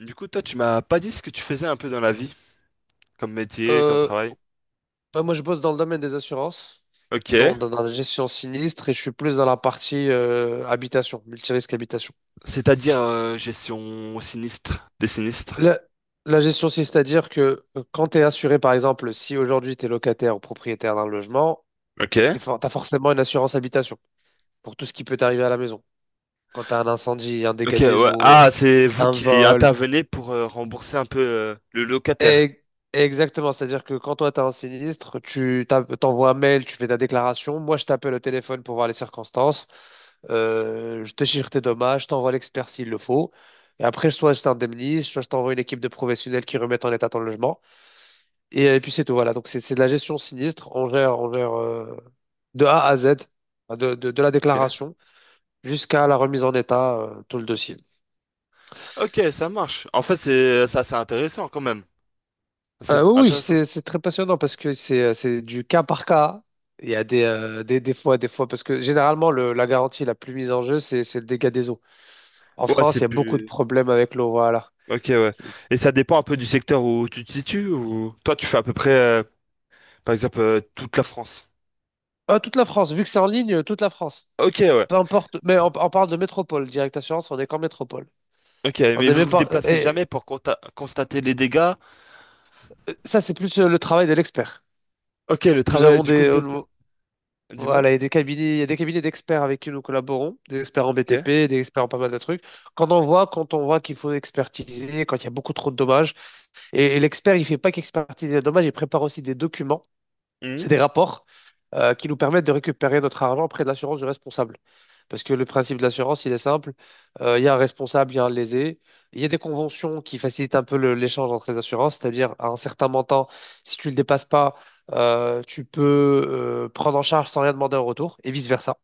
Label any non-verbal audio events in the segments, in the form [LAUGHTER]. Du coup, toi, tu m'as pas dit ce que tu faisais un peu dans la vie, comme métier, comme Euh, travail. Bah, moi, je bosse dans le domaine des assurances, dans, Ok. dans, dans la gestion sinistre, et je suis plus dans la partie habitation, multirisque habitation. C'est-à-dire gestion sinistre, des sinistres. La, la gestion, c'est-à-dire que quand tu es assuré, par exemple, si aujourd'hui tu es locataire ou propriétaire d'un logement, Ok. tu as forcément une assurance habitation pour tout ce qui peut t'arriver à la maison. Quand tu as un incendie, un Ok, dégât des ouais. eaux, Ah, c'est vous un qui vol. intervenez pour rembourser un peu le locataire. Et- Exactement, c'est-à-dire que quand toi tu as un sinistre, t'envoies un mail, tu fais ta déclaration, moi je t'appelle au téléphone pour voir les circonstances. Je te chiffre tes dommages, je t'envoie l'expert s'il le faut. Et après, soit je t'indemnise, soit je t'envoie une équipe de professionnels qui remettent en état ton logement. Et puis c'est tout, voilà. Donc c'est de la gestion sinistre. On gère de A à Z, enfin, de la Ok. déclaration jusqu'à la remise en état, tout le dossier. Ok, ça marche. En fait, c'est ça, c'est intéressant quand même. C'est Oui, oui, intéressant. c'est très passionnant parce que c'est du cas par cas. Il y a des fois, parce que généralement, la garantie la plus mise en jeu, c'est le dégât des eaux. En Ouais, c'est France, il y a beaucoup de plus. problèmes avec l'eau, voilà. Ok, ouais. C'est- Et ça dépend un peu du secteur où tu te situes ou toi, tu fais à peu près, par exemple, toute la France. Ah, toute la France, vu que c'est en ligne, toute la France. Ok, ouais. Peu importe, mais on parle de métropole, Direct Assurance, on est qu'en métropole. Ok, On mais n'est vous même vous pas. déplacez Et jamais pour constater les dégâts. euh, ça, c'est plus le travail de l'expert. Ok, le Nous travail, avons du coup, des. vous êtes... Nous- Dis-moi. Voilà, il y a des cabinets, il y a des cabinets d'experts avec qui nous collaborons, des experts en Ok. BTP, des experts en pas mal de trucs. Quand on voit qu'il faut expertiser, quand il y a beaucoup trop de dommages, et l'expert, il fait pas qu'expertiser les dommages, il prépare aussi des documents. Mhm. C'est des rapports qui nous permettent de récupérer notre argent auprès de l'assurance du responsable. Parce que le principe de l'assurance, il est simple. Il y a un responsable, il y a un lésé. Il y a des conventions qui facilitent un peu l'échange entre les assurances, c'est-à-dire à un certain montant, si tu ne le dépasses pas, tu peux prendre en charge sans rien demander en retour, et vice-versa.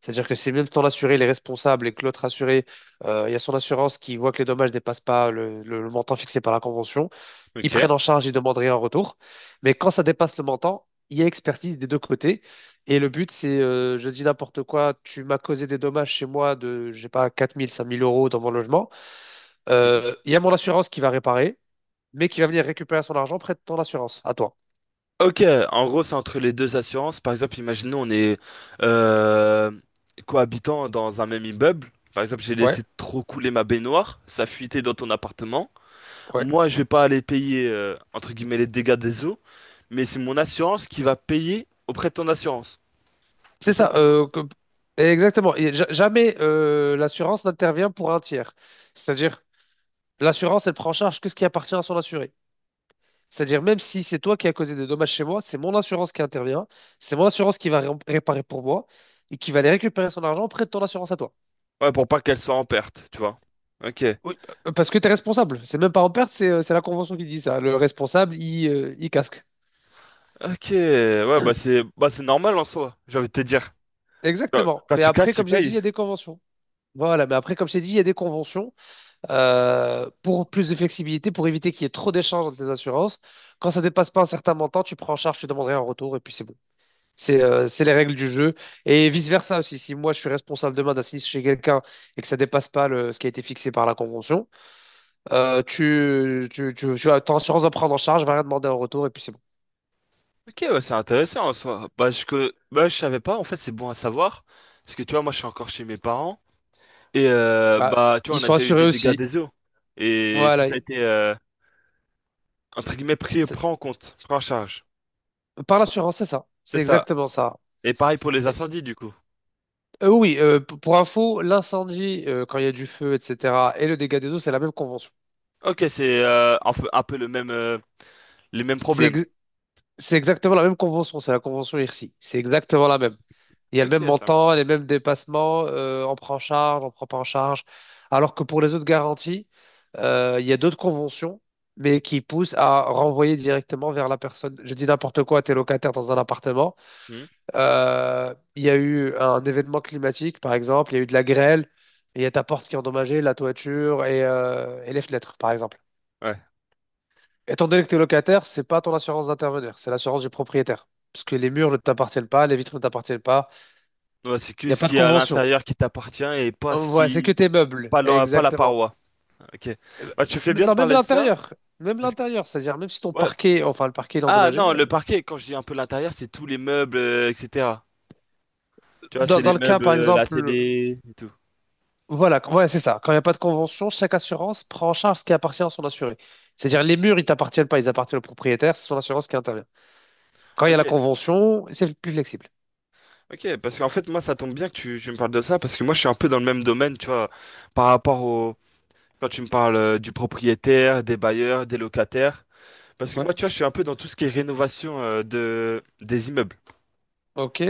C'est-à-dire que si même ton assuré il est responsable et que l'autre assuré, il y a son assurance qui voit que les dommages ne dépassent pas le montant fixé par la convention, ils Ok. prennent en charge, ils demandent rien en retour. Mais quand ça dépasse le montant, il y a expertise des deux côtés. Et le but, c'est, je dis n'importe quoi, tu m'as causé des dommages chez moi de, je sais pas, 4 000, 5 000 euros dans mon logement. Mhm. Il y a mon assurance qui va réparer, mais qui va venir récupérer son argent près de ton assurance, à toi. Ok, en gros, c'est entre les deux assurances. Par exemple, imaginons, on est euh, cohabitant dans un même immeuble. Par exemple, j'ai Ouais, laissé trop couler ma baignoire, ça fuitait dans ton appartement. ouais. Moi, je vais pas aller payer, entre guillemets, les dégâts des eaux, mais c'est mon assurance qui va payer auprès de ton assurance, tout C'est ça. simplement. Exactement. Et jamais l'assurance n'intervient pour un tiers. C'est-à-dire, l'assurance, elle prend en charge que ce qui appartient à son assuré. C'est-à-dire, même si c'est toi qui as causé des dommages chez moi, c'est mon assurance qui intervient, c'est mon assurance qui va réparer pour moi et qui va aller récupérer son argent près de ton assurance à toi. Ouais, pour pas qu'elle soit en perte, tu vois. Ok. Oui. Parce que tu es responsable. C'est même pas en perte, c'est la convention qui dit ça. Le responsable, il casque. Ok, ouais, bah c'est normal en soi, j'ai envie de te dire. Quand, Exactement. quand Mais tu après, casses, tu comme j'ai dit, il payes. y a des conventions. Voilà, mais après, comme j'ai dit, il y a des conventions pour plus de flexibilité, pour éviter qu'il y ait trop d'échanges entre les assurances. Quand ça dépasse pas un certain montant, tu prends en charge, tu demanderais un retour, et puis c'est bon. C'est les règles du jeu. Et vice-versa aussi, si moi je suis responsable demain d'assister chez quelqu'un et que ça dépasse pas ce qui a été fixé par la convention, tu as ton assurance va prendre en charge, va rien demander en retour et puis c'est bon. Ok, ouais, c'est intéressant en soi. Bah, je savais pas, en fait, c'est bon à savoir. Parce que tu vois, moi, je suis encore chez mes parents. Et Bah, bah, tu vois, ils on a sont déjà eu assurés des dégâts aussi. des eaux. Et tout Voilà. a été, entre guillemets, C'est- pris en compte, pris en charge. Par l'assurance, c'est ça. C'est C'est ça. exactement ça. Et pareil pour les incendies, du coup. Oui, pour info, l'incendie, quand il y a du feu, etc., et le dégât des eaux, c'est la même convention. Ok, c'est un peu le même, les mêmes C'est problèmes. ex- C'est exactement la même convention, c'est la convention IRSI. C'est exactement la même. Il y a le même Ok, ça montant, marche. les mêmes dépassements, on prend en charge, on prend pas en charge. Alors que pour les autres garanties, il y a d'autres conventions, mais qui poussent à renvoyer directement vers la personne. Je dis n'importe quoi, t'es locataire dans un appartement. Hmm. Il y a eu un événement climatique, par exemple, il y a eu de la grêle, et il y a ta porte qui est endommagée, la toiture et les fenêtres, par exemple. Ouais. Étant donné que tu es locataire, c'est pas ton assurance d'intervenir, c'est l'assurance du propriétaire. Parce que les murs ne t'appartiennent pas, les vitres ne t'appartiennent pas, Ouais, c'est il que n'y a ce pas de qui est à convention. l'intérieur qui t'appartient et pas ce Voilà, c'est que qui. tes meubles, Pas la, pas la exactement. paroi. Ok. Euh, Bah, tu fais mais bien de non, même parler de ça. l'intérieur, même Parce que l'intérieur, c'est-à-dire même si ton ouais. parquet, enfin le parquet il est Ah endommagé, non, le parquet, quand je dis un peu l'intérieur, c'est tous les meubles, etc. Tu vois, dans, c'est dans les le cas meubles, par la exemple, télé et tout. voilà, ouais, c'est ça, quand il n'y a pas de convention, chaque assurance prend en charge ce qui appartient à son assuré. Mm. C'est-à-dire les murs, ils t'appartiennent pas, ils appartiennent au propriétaire, c'est son assurance qui intervient. Quand il y a la Ok, convention, c'est plus flexible. ok, parce qu'en fait, moi, ça tombe bien que tu me parles de ça, parce que moi, je suis un peu dans le même domaine, tu vois, par rapport au... Quand tu me parles du propriétaire, des bailleurs, des locataires, parce que Ouais, moi, tu vois, je suis un peu dans tout ce qui est rénovation des immeubles. ok.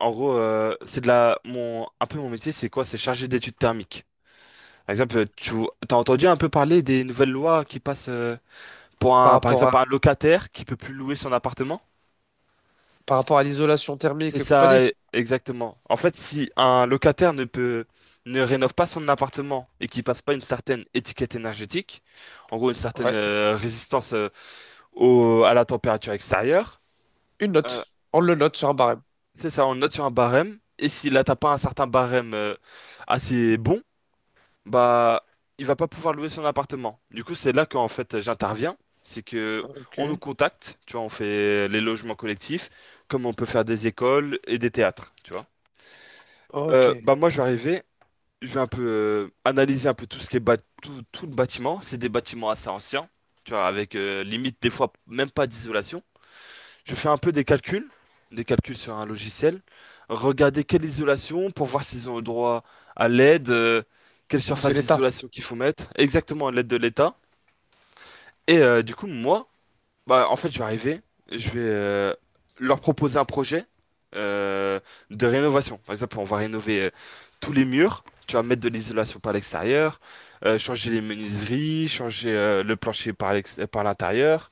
En gros, c'est de la... Mon, un peu mon métier, c'est quoi? C'est chargé d'études thermiques. Par exemple, tu as entendu un peu parler des nouvelles lois qui passent... Pour Par un, par rapport exemple, un locataire qui peut plus louer son appartement? Par rapport à C'est l'isolation c'est thermique et ça, compagnie? Exactement. En fait, si un locataire ne rénove pas son appartement et qu'il passe pas une certaine étiquette énergétique, en gros une certaine Ouais. Résistance au, à la température extérieure, Une euh, note. On le note sur un barème. c'est ça, on le note sur un barème. Et s'il n'atteint pas un certain barème assez bon, bah il va pas pouvoir louer son appartement. Du coup, c'est là qu'en fait j'interviens, c'est que Ok. on nous contacte, tu vois, on fait les logements collectifs, comme on peut faire des écoles et des théâtres, tu vois. Ok. Bah moi je vais arriver, je vais un peu analyser un peu tout ce qui est tout le bâtiment. C'est des bâtiments assez anciens, tu vois, avec limite des fois même pas d'isolation. Je fais un peu des calculs sur un logiciel, regarder quelle isolation pour voir s'ils ont le droit à l'aide, quelle De surface l'État. d'isolation qu'il faut mettre, exactement à l'aide de l'État. Et du coup, moi, bah, en fait, je vais arriver, je vais leur proposer un projet euh, de rénovation. Par exemple, on va rénover tous les murs, tu vas mettre de l'isolation par l'extérieur, changer les menuiseries, changer le plancher par par l'intérieur.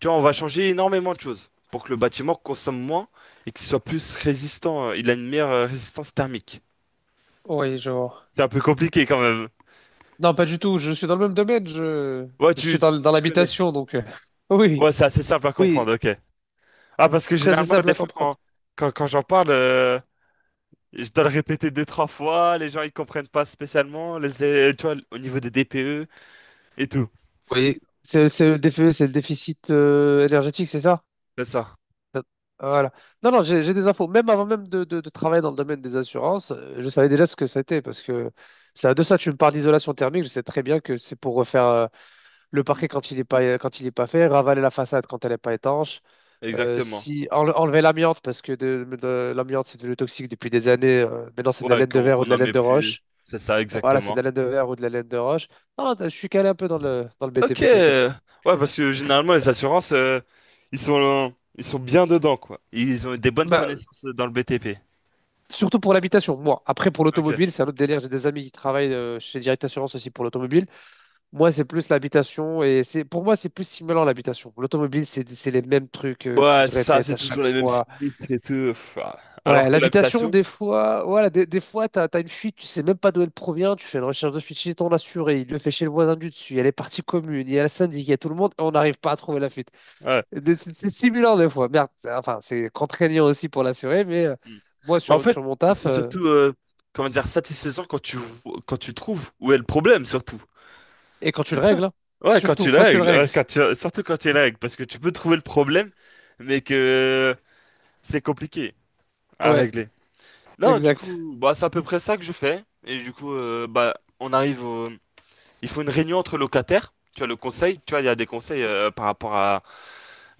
Tu vois, on va changer énormément de choses pour que le bâtiment consomme moins et qu'il soit plus résistant. Il a une meilleure résistance thermique. Oui, je vois. C'est un peu compliqué quand même. Non, pas du tout. Je suis dans le même domaine. Je, Ouais, je suis tu, dans Tu connais. l'habitation, donc. [LAUGHS] Oui. Ouais, c'est assez simple à Oui. comprendre, ok. Ah, parce que C'est assez généralement, simple des à fois, comprendre. Quand j'en parle, je dois le répéter deux, trois fois. Les gens, ils comprennent pas spécialement. Tu vois, au niveau des DPE et tout. Oui. C'est le déficit énergétique, c'est ça? C'est ça. Peut- Voilà. Non, non, j'ai des infos. Même avant même de travailler dans le domaine des assurances, je savais déjà ce que c'était parce que de ça, tu me parles d'isolation thermique. Je sais très bien que c'est pour refaire le Mm. parquet quand il est pas fait, ravaler la façade quand elle n'est pas étanche, Exactement. si, enlever l'amiante parce que l'amiante, c'est devenu toxique depuis des années. Maintenant, c'est de la Ouais, laine de verre ou de qu'on la en laine met de plus. roche. C'est ça, Voilà, c'est de exactement. la laine de verre ou de la laine de roche. Non, non, je suis calé un peu dans le Ok. BTP, t'inquiète. Ouais, parce que généralement, les assurances, ils sont bien dedans, quoi. Ils ont des bonnes Bah, connaissances dans le BTP. surtout pour l'habitation, moi. Après, pour Ok. l'automobile, c'est un autre délire. J'ai des amis qui travaillent chez Direct Assurance aussi pour l'automobile. Moi, c'est plus l'habitation et c'est pour moi, c'est plus stimulant l'habitation. L'automobile, c'est les mêmes trucs Bon, qui ouais, se c'est ça, répètent c'est à toujours chaque les mêmes fois. sinistres et tout. Pff, ah. Alors Ouais, que l'habitation, l'habitation, des fois, voilà, des fois, t'as une fuite, tu sais même pas d'où elle provient. Tu fais une recherche de fuite chez ton assuré, il le fait chez le voisin du dessus, il y a les parties communes, il y a le syndic, il y a tout le monde, et on n'arrive pas à trouver la fuite. ouais. C'est stimulant des fois. Merde, enfin, c'est contraignant aussi pour l'assuré, mais Hmm. moi, Mais en sur, fait, sur mon taf. c'est surtout, comment dire, satisfaisant quand quand tu trouves où est le problème, surtout. Et quand tu C'est le ça. règles, hein. Ouais, quand Surtout tu quand la tu le règles, règles. ouais, quand tu, surtout quand tu la règles, parce que tu peux trouver le problème, mais que c'est compliqué à Ouais, régler. Non, du exact. coup, bah, c'est à peu près ça que je fais. Et du coup, bah, on arrive au- Il faut une réunion entre locataires. Tu vois, le conseil, tu vois, il y a des conseils par rapport à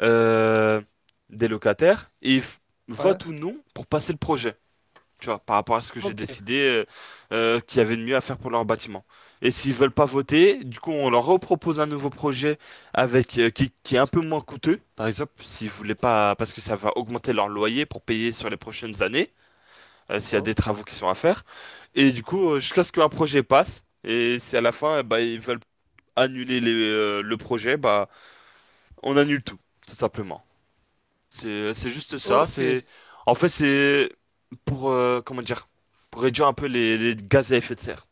euh, des locataires. Ouais, Votent ou non pour passer le projet. Tu vois, par rapport à ce que j'ai ok. décidé qu'il y avait de mieux à faire pour leur bâtiment. Et s'ils veulent pas voter, du coup, on leur repropose un nouveau projet avec qui est un peu moins coûteux. Par exemple, s'ils voulaient pas... Parce que ça va augmenter leur loyer pour payer sur les prochaines années s'il y a Ouais. des travaux qui sont à faire. Et du coup, jusqu'à ce qu'un projet passe, et si à la fin, bah, ils veulent le projet, bah, on annule tout, tout simplement. C'est juste ça. Ok. C'est, en fait, c'est pour, comment dire, pour réduire un peu les gaz à effet de serre.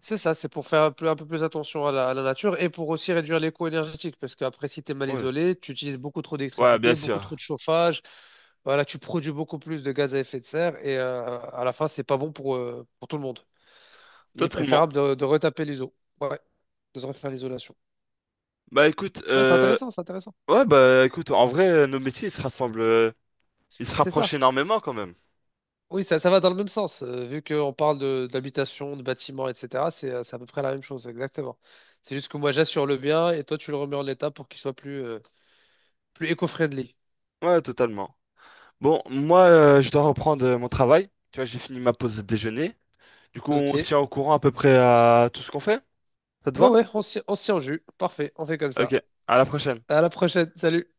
C'est ça, c'est pour faire un peu plus attention à la nature et pour aussi réduire les coûts énergétiques. Parce qu'après, si tu es mal Ouais, isolé, tu utilises beaucoup trop ouais, bien d'électricité, beaucoup trop sûr, de chauffage. Voilà, tu produis beaucoup plus de gaz à effet de serre et à la fin, c'est pas bon pour tout le monde. Il est totalement. préférable de retaper les eaux. Ouais, de se refaire l'isolation. Bah écoute, Non, c'est intéressant, c'est intéressant. ouais, bah écoute, en vrai, nos métiers, ils se C'est rapprochent ça. énormément quand même. Oui, ça va dans le même sens. Vu qu'on parle de d'habitation, de bâtiment, etc., c'est à peu près la même chose, exactement. C'est juste que moi, j'assure le bien et toi, tu le remets en état pour qu'il soit plus éco-friendly. Ouais, totalement. Bon, moi, je dois reprendre mon travail. Tu vois, j'ai fini ma pause déjeuner. Du coup, Ok. on se Ouais, tient au courant à peu près à tout ce qu'on fait. Ça te va? ouais, on s'y en jus. Parfait, on fait comme Ok, ça. à la prochaine. À la prochaine. Salut.